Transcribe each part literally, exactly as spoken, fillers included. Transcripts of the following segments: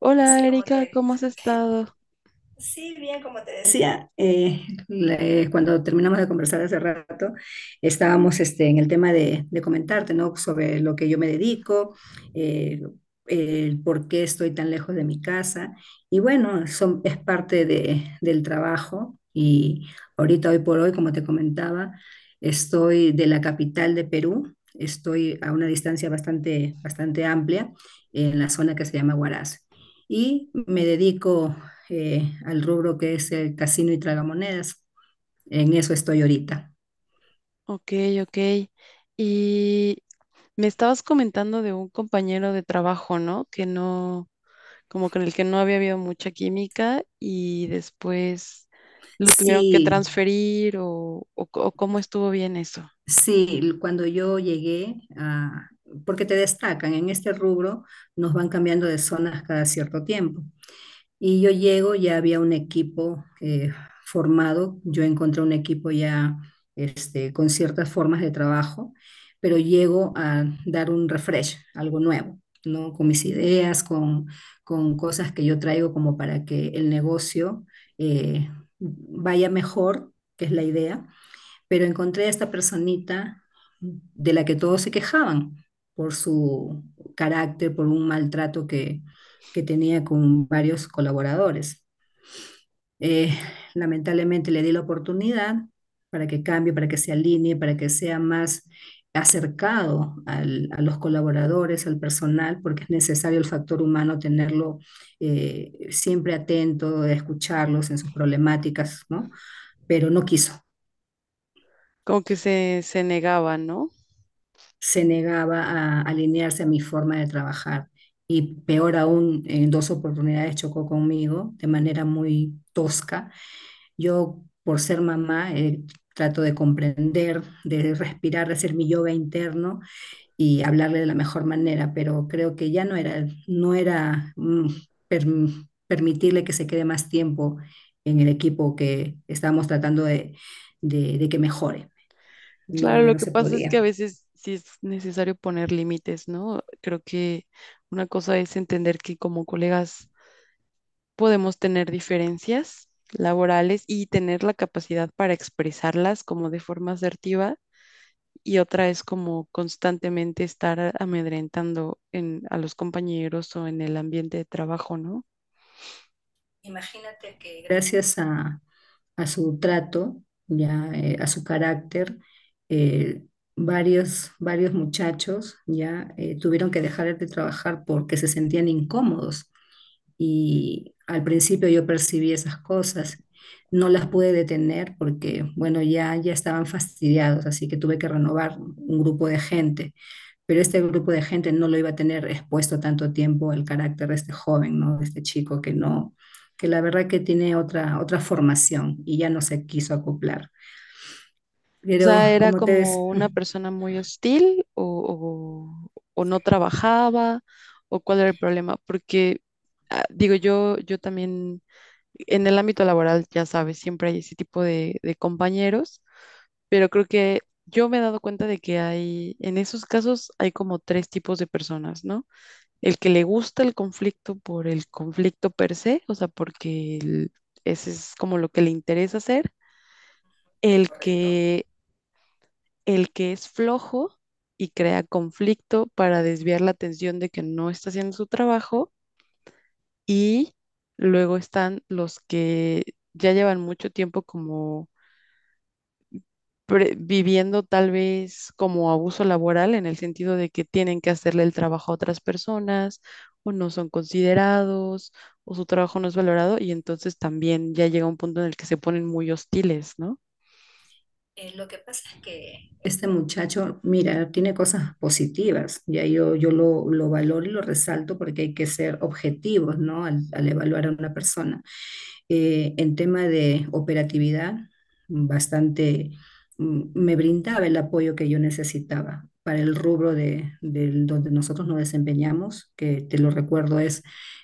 Hola, Erika, ¿cómo has estado? Sí, bien, como te decía, eh, le- cuando terminamos de conversar hace rato, estábamos este, en el tema de, de comentarte, ¿no? Sobre lo que yo me dedico, eh, el por qué estoy tan lejos de mi casa. Y bueno, son, es parte de- del trabajo. Y ahorita, hoy por hoy, como te comentaba, estoy de la capital de Perú, estoy a una distancia bastante, bastante amplia en la zona que se llama Huaraz y me dedico eh, al rubro que es el casino y tragamonedas. En eso estoy ahorita. Ok, ok. Y me estabas comentando de un compañero de trabajo, ¿no? Que no, como con el que no había habido mucha química y después lo tuvieron que Sí, transferir o, o c- o cómo estuvo bien eso. sí, cuando yo llegué a, porque te destacan en este rubro, nos van cambiando de zonas cada cierto tiempo. Y yo llego, ya había un equipo eh, formado, yo encontré un equipo ya este, con ciertas formas de trabajo, pero llego a dar un refresh, algo nuevo, ¿no? Con mis ideas, con, con cosas que yo traigo como para que el negocio eh, vaya mejor, que es la idea, pero encontré a esta personita de la que todos se quejaban por su carácter, por un maltrato que, que tenía con varios colaboradores. Eh, Lamentablemente le di la oportunidad para que cambie, para que se alinee, para que sea más acercado al- a los colaboradores, al personal, porque es necesario el factor humano tenerlo eh, siempre atento, escucharlos en sus problemáticas, ¿no? Pero no quiso, Como que se, se negaba, ¿no? se negaba a alinearse a mi forma de trabajar. Y peor aún, en dos oportunidades chocó conmigo de manera muy tosca. Yo, por ser mamá, eh, trato de comprender, de respirar, de hacer mi yoga interno y hablarle de la mejor manera, pero creo que ya no era, no era mm, per- permitirle que se quede más tiempo en el equipo que estábamos tratando de, de de que mejore. No, Claro, ya lo no que se pasa es que a podía. veces sí es necesario poner límites, ¿no? Creo que una cosa es entender que como colegas podemos tener diferencias laborales y tener la capacidad para expresarlas como de forma asertiva, y otra es como constantemente estar amedrentando en, a los compañeros o en el ambiente de trabajo, ¿no? Imagínate que gracias a, a su trato, ya eh, a su carácter, eh, varios, varios muchachos ya eh, tuvieron que dejar de trabajar porque se sentían incómodos. Y al principio yo percibí esas cosas. No las pude detener porque, bueno, ya, ya estaban fastidiados, así que tuve que renovar un grupo de gente, pero este grupo de gente no lo iba a tener expuesto tanto tiempo el carácter de este joven, ¿no? De este chico que no, que la verdad que tiene otra, otra formación y ya no se quiso acoplar. O Pero sea, ¿era como te ves, como una persona muy hostil o, o- o no trabajaba o cuál era el problema? Porque ah, digo yo, yo también en el ámbito laboral, ya sabes, siempre hay ese tipo de, de compañeros, pero creo que yo me he dado cuenta de que hay, en esos casos hay como tres tipos de personas, ¿no? El que le gusta el conflicto por el conflicto per se, o sea, porque el- ese es como lo que le interesa hacer; el que, el que es flojo y crea conflicto para desviar la atención de que no está haciendo su trabajo, y luego están los que ya llevan mucho tiempo como pre- viviendo tal vez como abuso laboral, en el sentido de que tienen que hacerle el trabajo a otras personas o no son considerados o su trabajo no es valorado, y entonces también ya llega un punto en el que se ponen muy hostiles, ¿no? este muchacho, mira, tiene cosas positivas, ya yo, yo lo, lo valoro y lo resalto porque hay que ser objetivos, ¿no? Al, al evaluar a una persona. Eh, en tema de operatividad, bastante mm, me brindaba el apoyo que yo necesitaba para el rubro de, del- donde nosotros nos desempeñamos, que te lo recuerdo es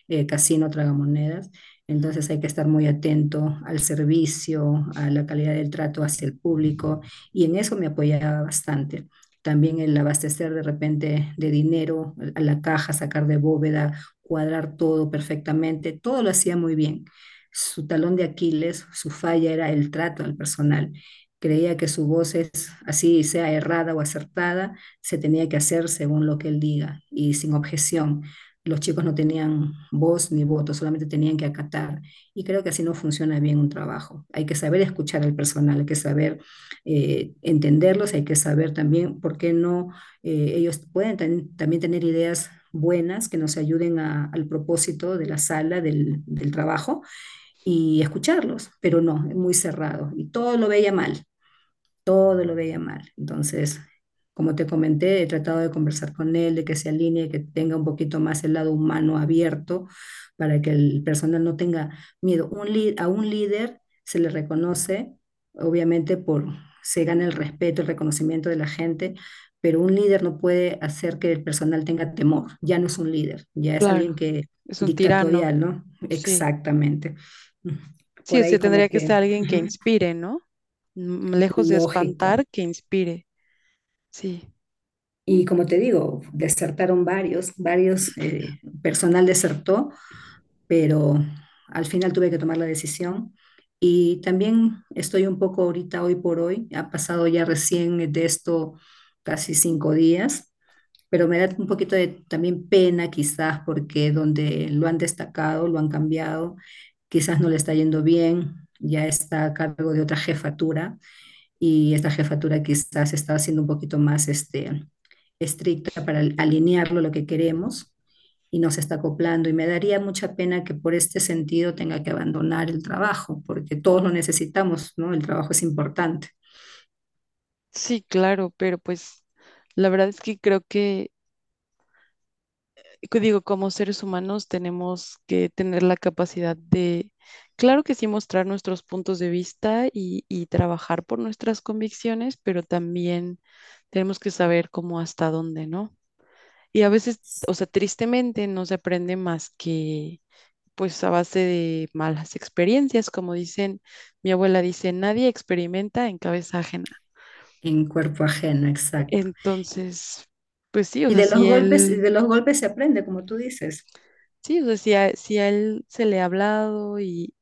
eh, casino tragamonedas. Entonces hay que estar muy atento al servicio, a la calidad del trato hacia el público y en eso me apoyaba bastante. También el abastecer de repente de dinero a la caja, sacar de bóveda, cuadrar todo perfectamente, todo lo hacía muy bien. Su talón de Aquiles, su falla era el trato al personal. Creía que su voz es así, sea errada o acertada, se tenía que hacer según lo que él diga y sin objeción. Los chicos no tenían voz ni voto, solamente tenían que acatar. Y creo que así no funciona bien un trabajo. Hay que saber escuchar al personal, hay que saber eh, entenderlos, hay que saber también por qué no eh, ellos pueden ten- también tener ideas buenas que nos ayuden a- al propósito de la sala, del, del trabajo, y escucharlos, pero no, es muy cerrado y todo lo veía mal, todo lo veía mal. Entonces, como te comenté, he tratado de conversar con él, de que se alinee, que tenga un poquito más el lado humano abierto para que el personal no tenga miedo. Un lí- a un líder se le reconoce, obviamente, por, se gana el respeto, el reconocimiento de la gente, pero un líder no puede hacer que el personal tenga temor. Ya no es un líder, ya es alguien Claro, que es un tirano, dictatorial, ¿no? sí. Exactamente. Sí, Por sí, ahí como tendría que que ser alguien que ujú, inspire, ¿no? Mm, lejos de lógico. espantar, que inspire. Sí, Y como te digo, desertaron varios, varios, eh, personal desertó, pero al final tuve que tomar la decisión. Y también estoy un poco ahorita, hoy por hoy, ha pasado ya recién de esto casi cinco días, pero me da un poquito de también pena quizás porque donde lo han destacado, lo han cambiado, quizás no le está yendo bien, ya está a cargo de otra jefatura y esta jefatura quizás está siendo un poquito más este, estricta para alinearlo a lo que queremos y nos está acoplando. Y me daría mucha pena que por este sentido tenga que abandonar el trabajo, porque todos lo necesitamos, ¿no? El trabajo es importante sí, claro, pero pues la verdad es que creo que que digo, como seres humanos tenemos que tener la capacidad de, claro que sí, mostrar nuestros puntos de vista y, y trabajar por nuestras convicciones, pero también tenemos que saber cómo, hasta dónde, ¿no? Y a veces, o sea, tristemente no se aprende más que pues a base de malas experiencias. Como dicen, mi abuela dice, nadie experimenta en cabeza ajena. en cuerpo ajeno, exacto. Entonces, pues sí, o Y sea, de los si golpes, él, de los golpes se aprende, como tú dices. sí, o sea, si a, si a él se le ha hablado y,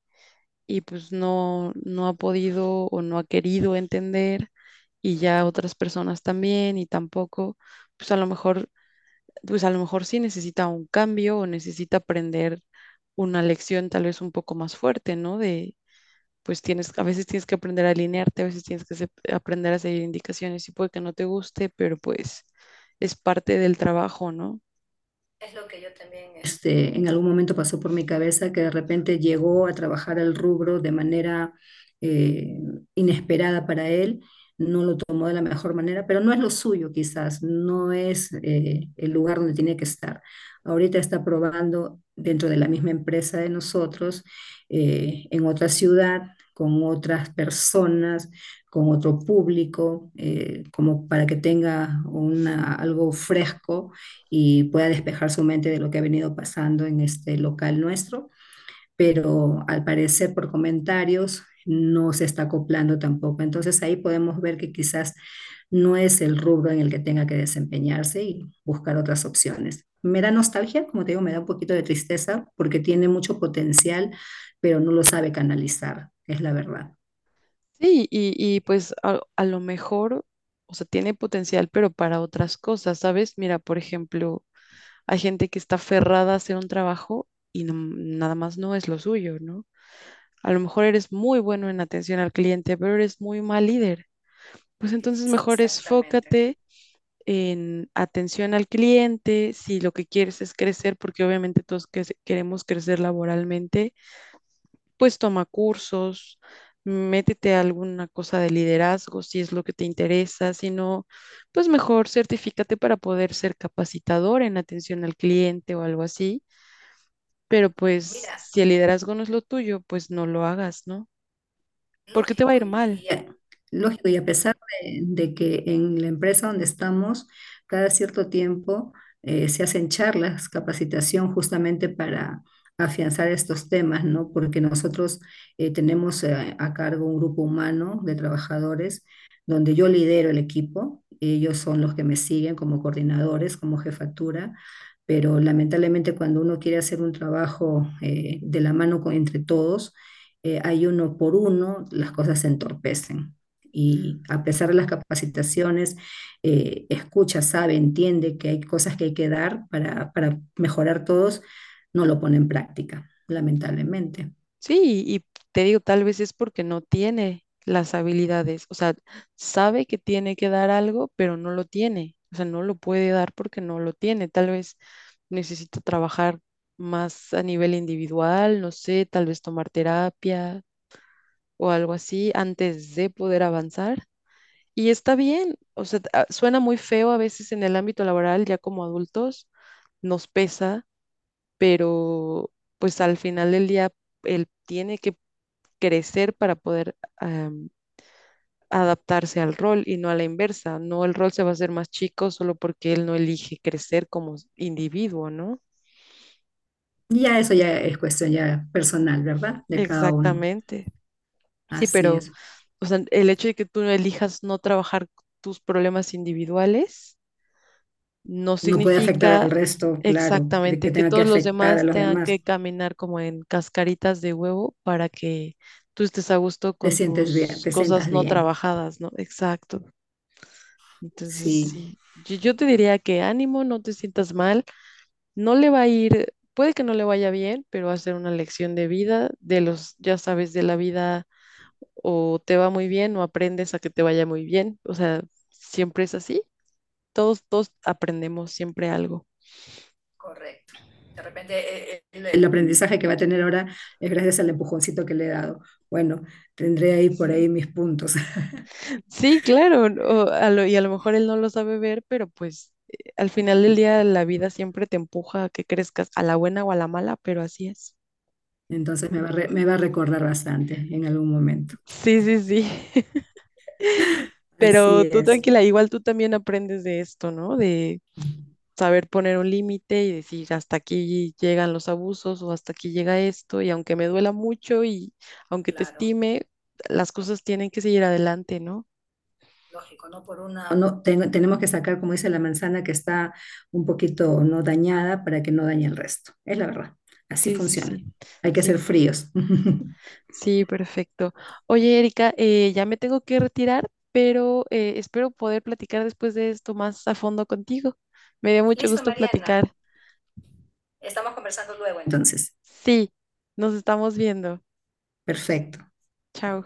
y pues no, no ha podido o no ha querido entender, y ya otras personas también y tampoco, pues a lo mejor, pues a lo mejor sí necesita un cambio o necesita aprender una lección tal vez un poco más fuerte, ¿no? De, pues tienes, a veces tienes que aprender a alinearte, a veces tienes que se- aprender a seguir indicaciones, y puede que no te guste, pero pues es parte del trabajo, ¿no? Este, en algún momento pasó por mi cabeza que de repente llegó a trabajar el rubro de manera eh, inesperada para él, no lo tomó de la mejor manera, pero no es lo suyo quizás, no es, eh, el lugar donde tiene que estar. Ahorita está probando dentro de la misma empresa de nosotros, eh, en otra ciudad, con otras personas, con otro público, eh, como para que tenga una, algo fresco y pueda despejar su mente de lo que ha venido pasando en este local nuestro, pero al parecer por comentarios no se está acoplando tampoco. Entonces ahí podemos ver que quizás no es el rubro en el que tenga que desempeñarse y buscar otras opciones. Me da nostalgia, como te digo, me da un poquito de tristeza porque tiene mucho potencial, pero no lo sabe canalizar, es la verdad. Sí, y, y pues a, a lo mejor, o sea, tiene potencial, pero para otras cosas, ¿sabes? Mira, por ejemplo, hay gente que está aferrada a hacer un trabajo y no- nada más no es lo suyo, ¿no? A lo mejor eres muy bueno en atención al cliente, pero eres muy mal líder. Pues entonces mejor esfócate en atención al cliente, si lo que quieres es crecer, porque obviamente todos que- queremos crecer laboralmente, pues toma cursos, métete a alguna cosa de liderazgo si es lo que te interesa, si no, pues mejor certifícate para poder ser capacitador en atención al cliente o algo así, pero pues si el liderazgo no es lo tuyo, pues no lo hagas, ¿no? Porque te va a ir mal. Eh, Lógico, y a pesar de, de que en la empresa donde estamos, cada cierto tiempo eh, se hacen charlas, capacitación justamente para afianzar estos temas, ¿no? Porque nosotros eh, tenemos eh, a cargo un grupo humano de trabajadores donde yo lidero el equipo, ellos son los que me siguen como coordinadores, como jefatura, pero lamentablemente cuando uno quiere hacer un trabajo eh, de la mano con- entre todos, eh, hay uno por uno, las cosas se entorpecen. Y a pesar de las capacitaciones, eh, escucha, sabe, entiende que hay cosas que hay que dar para, para mejorar todos, no lo pone en práctica, lamentablemente. Sí, y te digo, tal vez es porque no tiene las habilidades, o sea, sabe que tiene que dar algo, pero no lo tiene, o sea, no lo puede dar porque no lo tiene, tal vez necesita trabajar más a nivel individual, no sé, tal vez tomar terapia o algo así antes de poder avanzar. Y está bien, o sea, a- suena muy feo a veces en el ámbito laboral, ya como adultos, nos pesa, pero pues al final del día él tiene que crecer para poder um, adaptarse al rol y no a la inversa. No, el rol se va a hacer más chico solo porque él no elige crecer como individuo, ¿no? Y ya eso ya es cuestión ya personal, ¿verdad? De cada uno. Exactamente. Sí, Así pero es. o sea, el hecho de que tú no elijas no trabajar tus problemas individuales no No puede afectar significa al resto, claro, que, exactamente que que tenga que todos los afectar a demás los tengan demás. que caminar como en cascaritas de huevo para que tú estés a gusto Te con sientes bien, tus te cosas sientas no bien. trabajadas, ¿no? Exacto. Entonces, Sí. sí, yo, yo te diría que ánimo, no te sientas mal, no le va a ir, puede que no le vaya bien, pero va a ser una lección de vida, de los, ya sabes, de la vida, o te va muy bien o aprendes a que te vaya muy bien, o sea, siempre es así, todos, todos aprendemos siempre algo. De repente eh, el, el aprendizaje que va a tener ahora es gracias al empujoncito que le he dado. Bueno, tendré ahí por Sí, ahí mis puntos. sí, claro, o a lo- y a lo mejor él no lo sabe ver, pero pues eh, al final del día la vida siempre te empuja a que crezcas a la buena o a la mala, pero así es. Entonces me va a, re- me va a recordar bastante en algún momento. Sí, sí, sí. Así Pero tú es. tranquila, igual tú también aprendes de esto, ¿no? De saber poner un límite y decir hasta aquí llegan los abusos o hasta aquí llega esto, y aunque me duela mucho y aunque te estime, las cosas tienen que seguir adelante, ¿no? No, ten- tenemos que sacar, como dice la manzana, que está un poquito no dañada para que no dañe el resto. Es la verdad. Así Sí, sí, sí, funciona. Hay que sí, ser fríos. sí, perfecto. Oye, Erika, eh, ya me tengo que retirar, pero eh, espero poder platicar después de esto más a fondo contigo. Me dio mucho gusto platicar. entonces. Entonces, Sí, nos estamos viendo. perfecto. Chao.